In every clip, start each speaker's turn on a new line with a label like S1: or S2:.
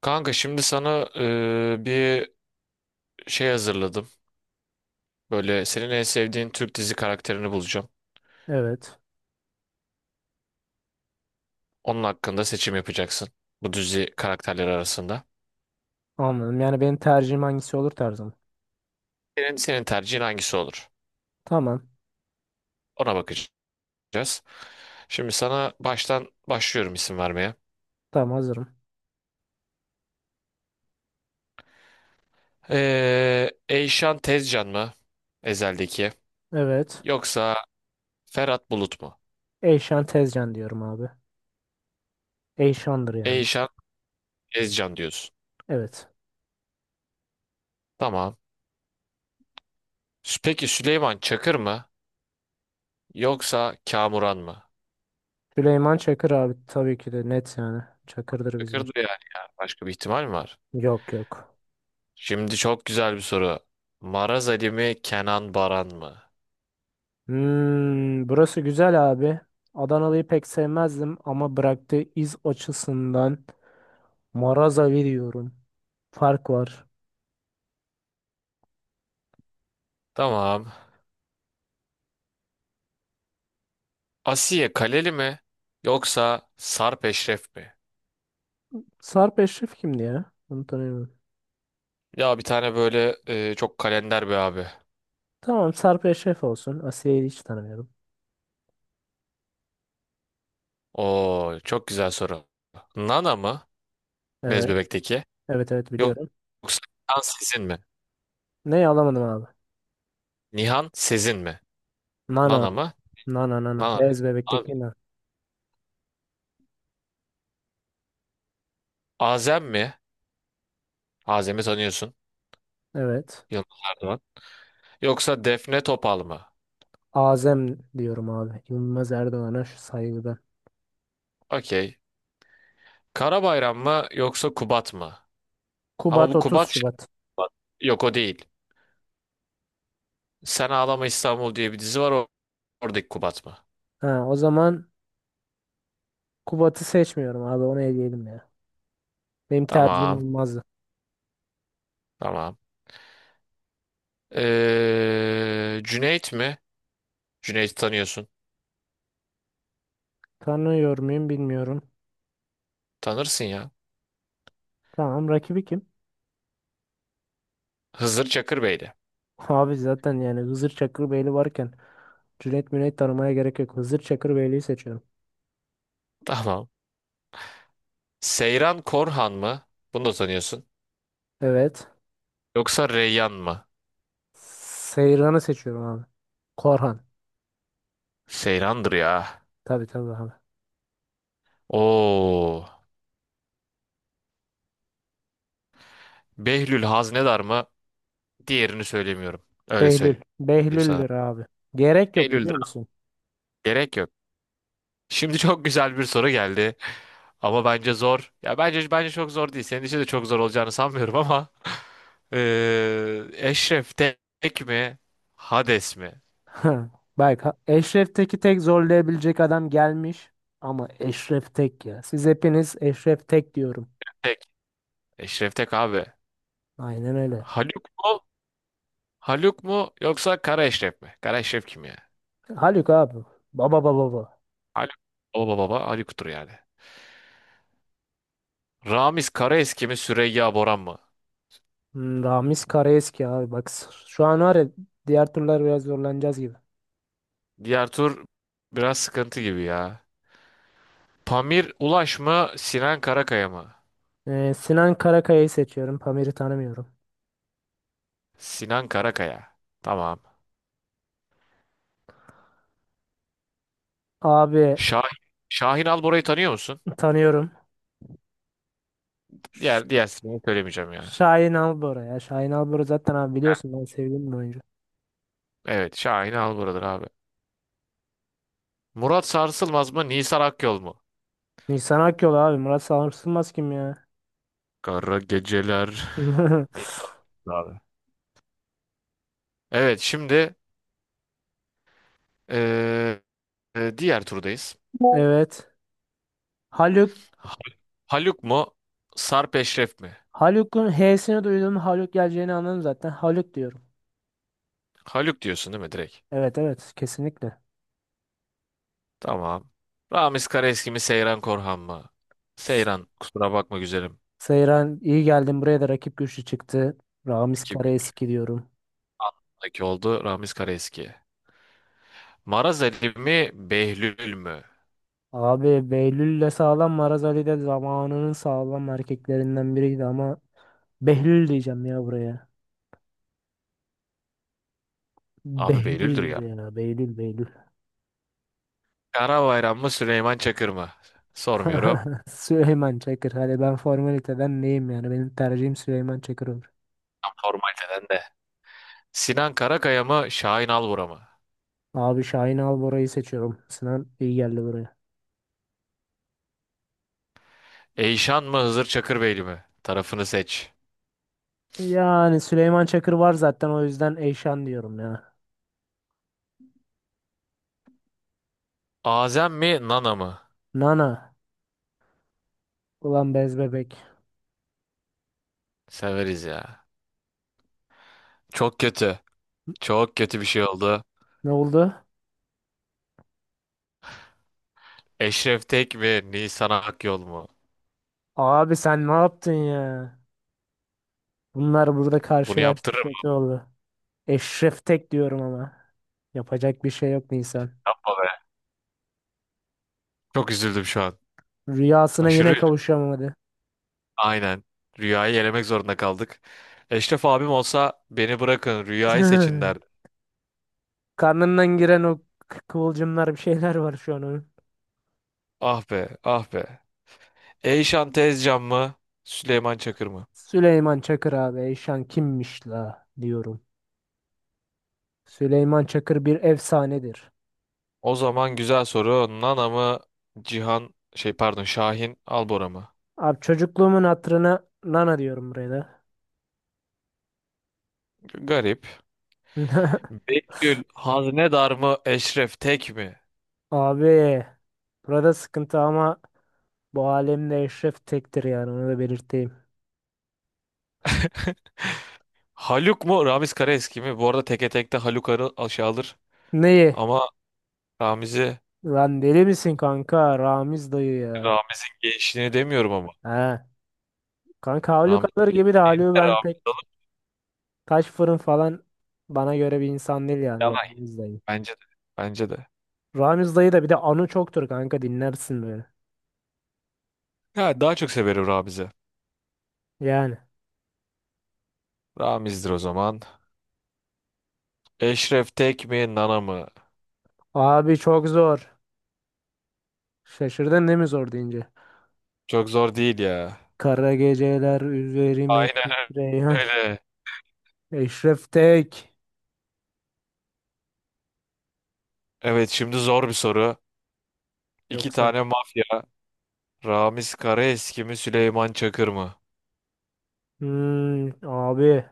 S1: Kanka şimdi sana bir şey hazırladım. Böyle senin en sevdiğin Türk dizi karakterini bulacağım.
S2: Evet.
S1: Onun hakkında seçim yapacaksın. Bu dizi karakterleri arasında.
S2: Anladım. Yani benim tercihim hangisi olur tarzım.
S1: Senin tercihin hangisi olur?
S2: Tamam.
S1: Ona bakacağız. Şimdi sana baştan başlıyorum isim vermeye.
S2: Tamam hazırım.
S1: Eyşan Tezcan mı? Ezel'deki.
S2: Evet.
S1: Yoksa Ferhat Bulut mu?
S2: Eyşan Tezcan diyorum abi. Eyşan'dır yani.
S1: Eyşan Tezcan diyorsun.
S2: Evet.
S1: Tamam. Peki Süleyman Çakır mı? Yoksa Kamuran mı?
S2: Süleyman Çakır abi tabii ki de net yani. Çakır'dır
S1: Çakır
S2: bizim için.
S1: da yani ya. Başka bir ihtimal mi var?
S2: Yok yok.
S1: Şimdi çok güzel bir soru. Maraz Ali mi, Kenan Baran mı?
S2: Hmm, burası güzel abi. Adanalı'yı pek sevmezdim ama bıraktığı iz açısından Marazavi diyorum. Fark var.
S1: Tamam. Asiye Kaleli mi yoksa Sarp Eşref mi?
S2: Sarp Eşref kimdi ya? Bunu tanıyorum.
S1: Ya bir tane böyle çok kalender bir abi.
S2: Tamam Sarp Eşref olsun. Asiye'yi hiç tanımıyorum.
S1: Oo çok güzel soru. Nana mı, Bez
S2: Evet.
S1: Bebek'teki?
S2: Evet evet
S1: Yok-
S2: biliyorum.
S1: Yoksa Nihan Sezin mi?
S2: Ne alamadım abi?
S1: Nihan Sezin mi?
S2: Nana.
S1: Nana mı?
S2: Nana nana.
S1: Nana.
S2: Bez
S1: A-
S2: bebekteki nana.
S1: Azem mi? Azem'i tanıyorsun.
S2: Evet.
S1: Yılmaz Erdoğan. Yoksa Defne Topal mı?
S2: Azem diyorum abi. Yılmaz Erdoğan'a şu saygıdan.
S1: Okey. Karabayram mı yoksa Kubat mı? Ama
S2: Kubat
S1: bu
S2: 30
S1: Kubat
S2: Şubat.
S1: Şıkkubat. Yok o değil. Sen Ağlama İstanbul diye bir dizi var oradaki Kubat mı?
S2: Ha, o zaman Kubat'ı seçmiyorum abi. Onu eleyelim ya. Benim tercihim
S1: Tamam
S2: olmazdı.
S1: tamam. Cüneyt mi? Cüneyt'i tanıyorsun.
S2: Tanıyor muyum bilmiyorum.
S1: Tanırsın ya.
S2: Tamam rakibi kim?
S1: Hızır Çakır Bey'di.
S2: Abi zaten yani Hızır Çakırbeyli varken Cüneyt Müneyt tanımaya gerek yok. Hızır Çakırbeyli'yi seçiyorum.
S1: Tamam. Seyran Korhan mı? Bunu da tanıyorsun.
S2: Evet.
S1: Yoksa Reyyan mı?
S2: Seyran'ı seçiyorum abi. Korhan.
S1: Seyran'dır ya.
S2: Tabii tabii abi.
S1: Oo. Behlül Haznedar mı? Diğerini söylemiyorum. Öyle
S2: Behlül.
S1: söyleyeyim sana.
S2: Behlül'dür abi. Gerek yok
S1: Behlül'dür.
S2: biliyor musun?
S1: Gerek yok. Şimdi çok güzel bir soru geldi. Ama bence zor. Ya bence çok zor değil. Senin için de çok zor olacağını sanmıyorum ama Eşref Tek mi? Hades mi?
S2: Bak Eşref Tek'i tek zorlayabilecek adam gelmiş. Ama Eşref Tek ya. Siz hepiniz Eşref Tek diyorum.
S1: Tek. Eşref Tek abi.
S2: Aynen öyle.
S1: Haluk mu? Haluk mu yoksa Kara Eşref mi? Kara Eşref kim ya?
S2: Haluk abi. Baba baba baba.
S1: Haluk. Baba baba Haluk'tur yani. Ramiz Karaeski mi Süreyya Boran mı?
S2: Hmm, Ramiz Karaeski abi. Bak şu an var ya diğer turlar biraz zorlanacağız gibi.
S1: Diğer tur biraz sıkıntı gibi ya. Pamir Ulaş mı Sinan Karakaya mı?
S2: Sinan Karakaya'yı seçiyorum. Pamir'i tanımıyorum.
S1: Sinan Karakaya. Tamam.
S2: Abi
S1: Şahin, Şahin Albora'yı tanıyor musun?
S2: tanıyorum. Ş-
S1: Diğer ismini söylemeyeceğim yani.
S2: Şahin Albora ya. Şahin Albora zaten abi biliyorsun ben sevdiğim bir oyuncu.
S1: Evet, Şahin Albora'dır abi. Murat Sarsılmaz mı, Nisan Akyol mu?
S2: Nisan Akyol abi. Murat Sarsılmaz kim ya?
S1: Kara geceler. Beni aldı abi. Evet, şimdi eee, diğer turdayız.
S2: Evet. Haluk.
S1: Ha- Haluk mu, Sarp Eşref mi?
S2: Haluk'un H'sini duydum. Haluk geleceğini anladım zaten. Haluk diyorum.
S1: Haluk diyorsun değil mi direkt?
S2: Evet evet kesinlikle.
S1: Tamam. Ramiz Karaeski mi, Seyran Korhan mı? Seyran, kusura bakma güzelim.
S2: Seyran iyi geldin buraya da rakip güçlü çıktı. Ramiz
S1: İki
S2: Karaeski diyorum.
S1: gündeki oldu Ramiz Karaeski. Maraz Ali mi, Behlül mü?
S2: Abi Behlül'le sağlam Maraz Ali de zamanının sağlam erkeklerinden biriydi ama Behlül diyeceğim ya buraya.
S1: Abi
S2: Behlül
S1: Behlül'dür ya.
S2: buraya. Behlül Behlül.
S1: Kara bayram mı Süleyman Çakır mı? Sormuyorum.
S2: Süleyman Çakır. Hadi ben formaliteden neyim yani? Benim tercihim Süleyman Çakır olur.
S1: Tam formaliteden de. Sinan Karakaya mı Şahin Alvura mı?
S2: Abi Şahin Albora'yı seçiyorum. Sinan iyi geldi buraya.
S1: Eyşan mı Hızır Çakırbeyli mi? Tarafını seç.
S2: Yani Süleyman Çakır var zaten o yüzden Eyşan diyorum ya.
S1: Azem mi Nana mı?
S2: Nana. Ulan bez bebek.
S1: Severiz ya. Çok kötü. Çok kötü bir şey oldu.
S2: Ne oldu?
S1: Eşref Tek mi Nisan Akyol mu?
S2: Abi sen ne yaptın ya? Bunlar burada
S1: Bunu
S2: karşılaştı
S1: yaptırırım
S2: kötü oldu. Eşref Tek diyorum ama. Yapacak bir şey yok Nisan.
S1: baba be. Çok üzüldüm şu an.
S2: Rüyasına
S1: Aşırı
S2: yine
S1: üzüldüm.
S2: kavuşamadı.
S1: Aynen. Rüyayı elemek zorunda kaldık. Eşref abim olsa beni bırakın rüyayı seçin derdi.
S2: Karnından giren o kıvılcımlar bir şeyler var şu an onun.
S1: Ah be, ah be. Eyşan Tezcan mı? Süleyman Çakır mı?
S2: Süleyman Çakır abi Eyşan kimmiş la diyorum. Süleyman Çakır bir efsanedir.
S1: O zaman güzel soru. Nana mı? Cihan şey pardon Şahin Albora mı?
S2: Abi çocukluğumun hatırına nana diyorum buraya da.
S1: Garip. Betül Haznedar mı? Eşref Tek mi?
S2: Abi burada sıkıntı ama bu alemde Eşref tektir yani onu da belirteyim.
S1: Haluk mu? Ramiz Karaeski mi? Bu arada teke tekte Haluk arı aşağı alır.
S2: Neyi?
S1: Ama Ramiz'i,
S2: Lan deli misin kanka? Ramiz dayı ya.
S1: Ramiz'in gençliğini demiyorum ama.
S2: He. Kanka Haluk alır
S1: Ramiz'in
S2: gibi de Haluk'u
S1: de
S2: ben
S1: Ramiz
S2: pek
S1: alır.
S2: taş fırın falan bana göre bir insan değil yani
S1: Yalay.
S2: Ramiz dayı.
S1: Bence de. Bence de.
S2: Ramiz dayı da bir de anı çoktur kanka dinlersin böyle.
S1: Ya daha çok severim Ramiz'i.
S2: Yani.
S1: Ramiz'dir o zaman. Eşref Tek mi? Nana mı?
S2: Abi çok zor. Şaşırdın değil mi zor deyince?
S1: Çok zor değil ya.
S2: Kara geceler üzerime
S1: Aynen
S2: titreyen
S1: öyle.
S2: Eşref Tek.
S1: Evet şimdi zor bir soru. İki
S2: Yoksa.
S1: tane mafya. Ramiz Karaeski mi Süleyman Çakır mı?
S2: Hmm, abi.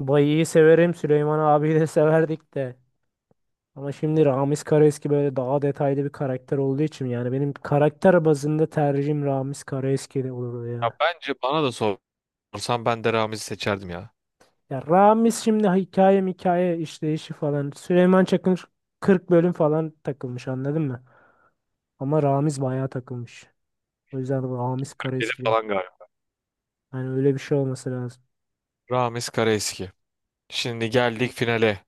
S2: Bayı'yı severim. Süleyman abiyi de severdik de. Ama şimdi Ramiz Karaeski böyle daha detaylı bir karakter olduğu için yani benim karakter bazında tercihim Ramiz Karaeski de olurdu
S1: Ya
S2: ya.
S1: bence bana da sorsan ben de Ramiz'i seçerdim ya.
S2: Ya Ramiz şimdi hikaye hikaye işleyişi falan. Süleyman Çakır 40 bölüm falan takılmış anladın mı? Ama Ramiz bayağı takılmış. O yüzden bu Hamis
S1: Dedi
S2: Karaeski diyor.
S1: falan galiba.
S2: Yani öyle bir şey olması lazım.
S1: Ramiz Karaeski. Şimdi geldik finale.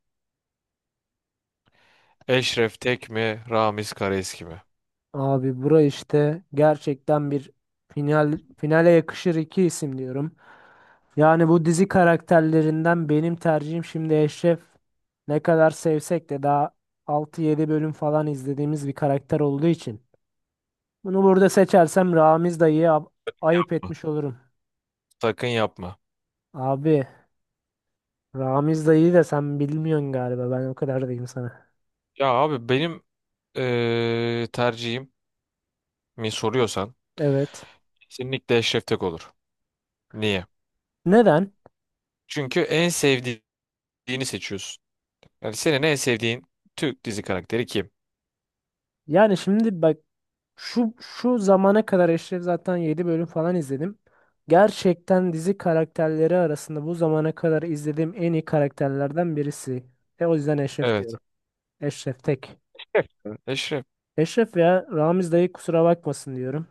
S1: Eşref Tek mi Ramiz Karaeski mi?
S2: Abi bura işte gerçekten bir finale yakışır iki isim diyorum. Yani bu dizi karakterlerinden benim tercihim şimdi Eşref ne kadar sevsek de daha 6-7 bölüm falan izlediğimiz bir karakter olduğu için. Bunu burada seçersem Ramiz dayıya ayıp
S1: Hı.
S2: etmiş olurum.
S1: Sakın yapma.
S2: Abi Ramiz dayıyı da sen bilmiyorsun galiba ben o kadar diyeyim sana.
S1: Ya abi benim tercihim mi soruyorsan
S2: Evet.
S1: kesinlikle Eşref Tek olur. Niye?
S2: Neden?
S1: Çünkü en sevdiğini seçiyorsun. Yani senin en sevdiğin Türk dizi karakteri kim?
S2: Yani şimdi bak şu zamana kadar Eşref zaten 7 bölüm falan izledim. Gerçekten dizi karakterleri arasında bu zamana kadar izlediğim en iyi karakterlerden birisi. E o yüzden Eşref
S1: Evet.
S2: diyorum. Eşref tek.
S1: Evet. Eşref.
S2: Eşref ya Ramiz dayı kusura bakmasın diyorum.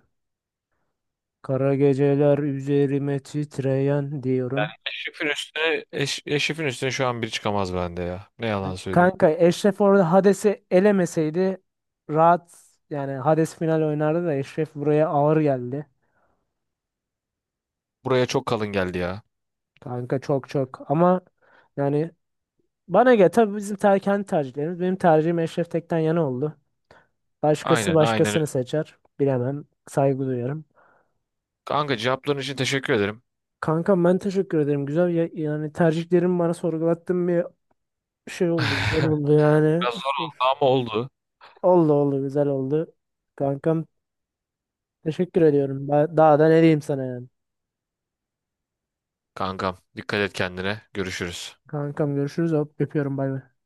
S2: Kara geceler üzerime titreyen diyorum.
S1: Eşref'in üstüne, Eşref'in üstüne şu an biri çıkamaz bende ya. Ne yalan söyleyeyim.
S2: Kanka Eşref orada Hades'i elemeseydi rahat yani Hades final oynardı da Eşref buraya ağır geldi.
S1: Buraya çok kalın geldi ya.
S2: Kanka çok çok ama yani bana göre tabii bizim kendi tercihlerimiz. Benim tercihim Eşref Tek'ten yana oldu. Başkası
S1: Aynen aynen
S2: başkasını
S1: öyle.
S2: seçer. Bilemem. Saygı duyarım.
S1: Kanka cevapların için teşekkür ederim.
S2: Kanka ben teşekkür ederim. Güzel yani tercihlerim bana sorgulattığın bir şey oldu. Güzel oldu yani.
S1: Biraz zor oldu ama oldu.
S2: Oldu oldu güzel oldu. Kankam teşekkür ediyorum. Daha da ne diyeyim sana yani.
S1: Kankam dikkat et kendine. Görüşürüz.
S2: Kankam görüşürüz. Hop öpüyorum bay bay.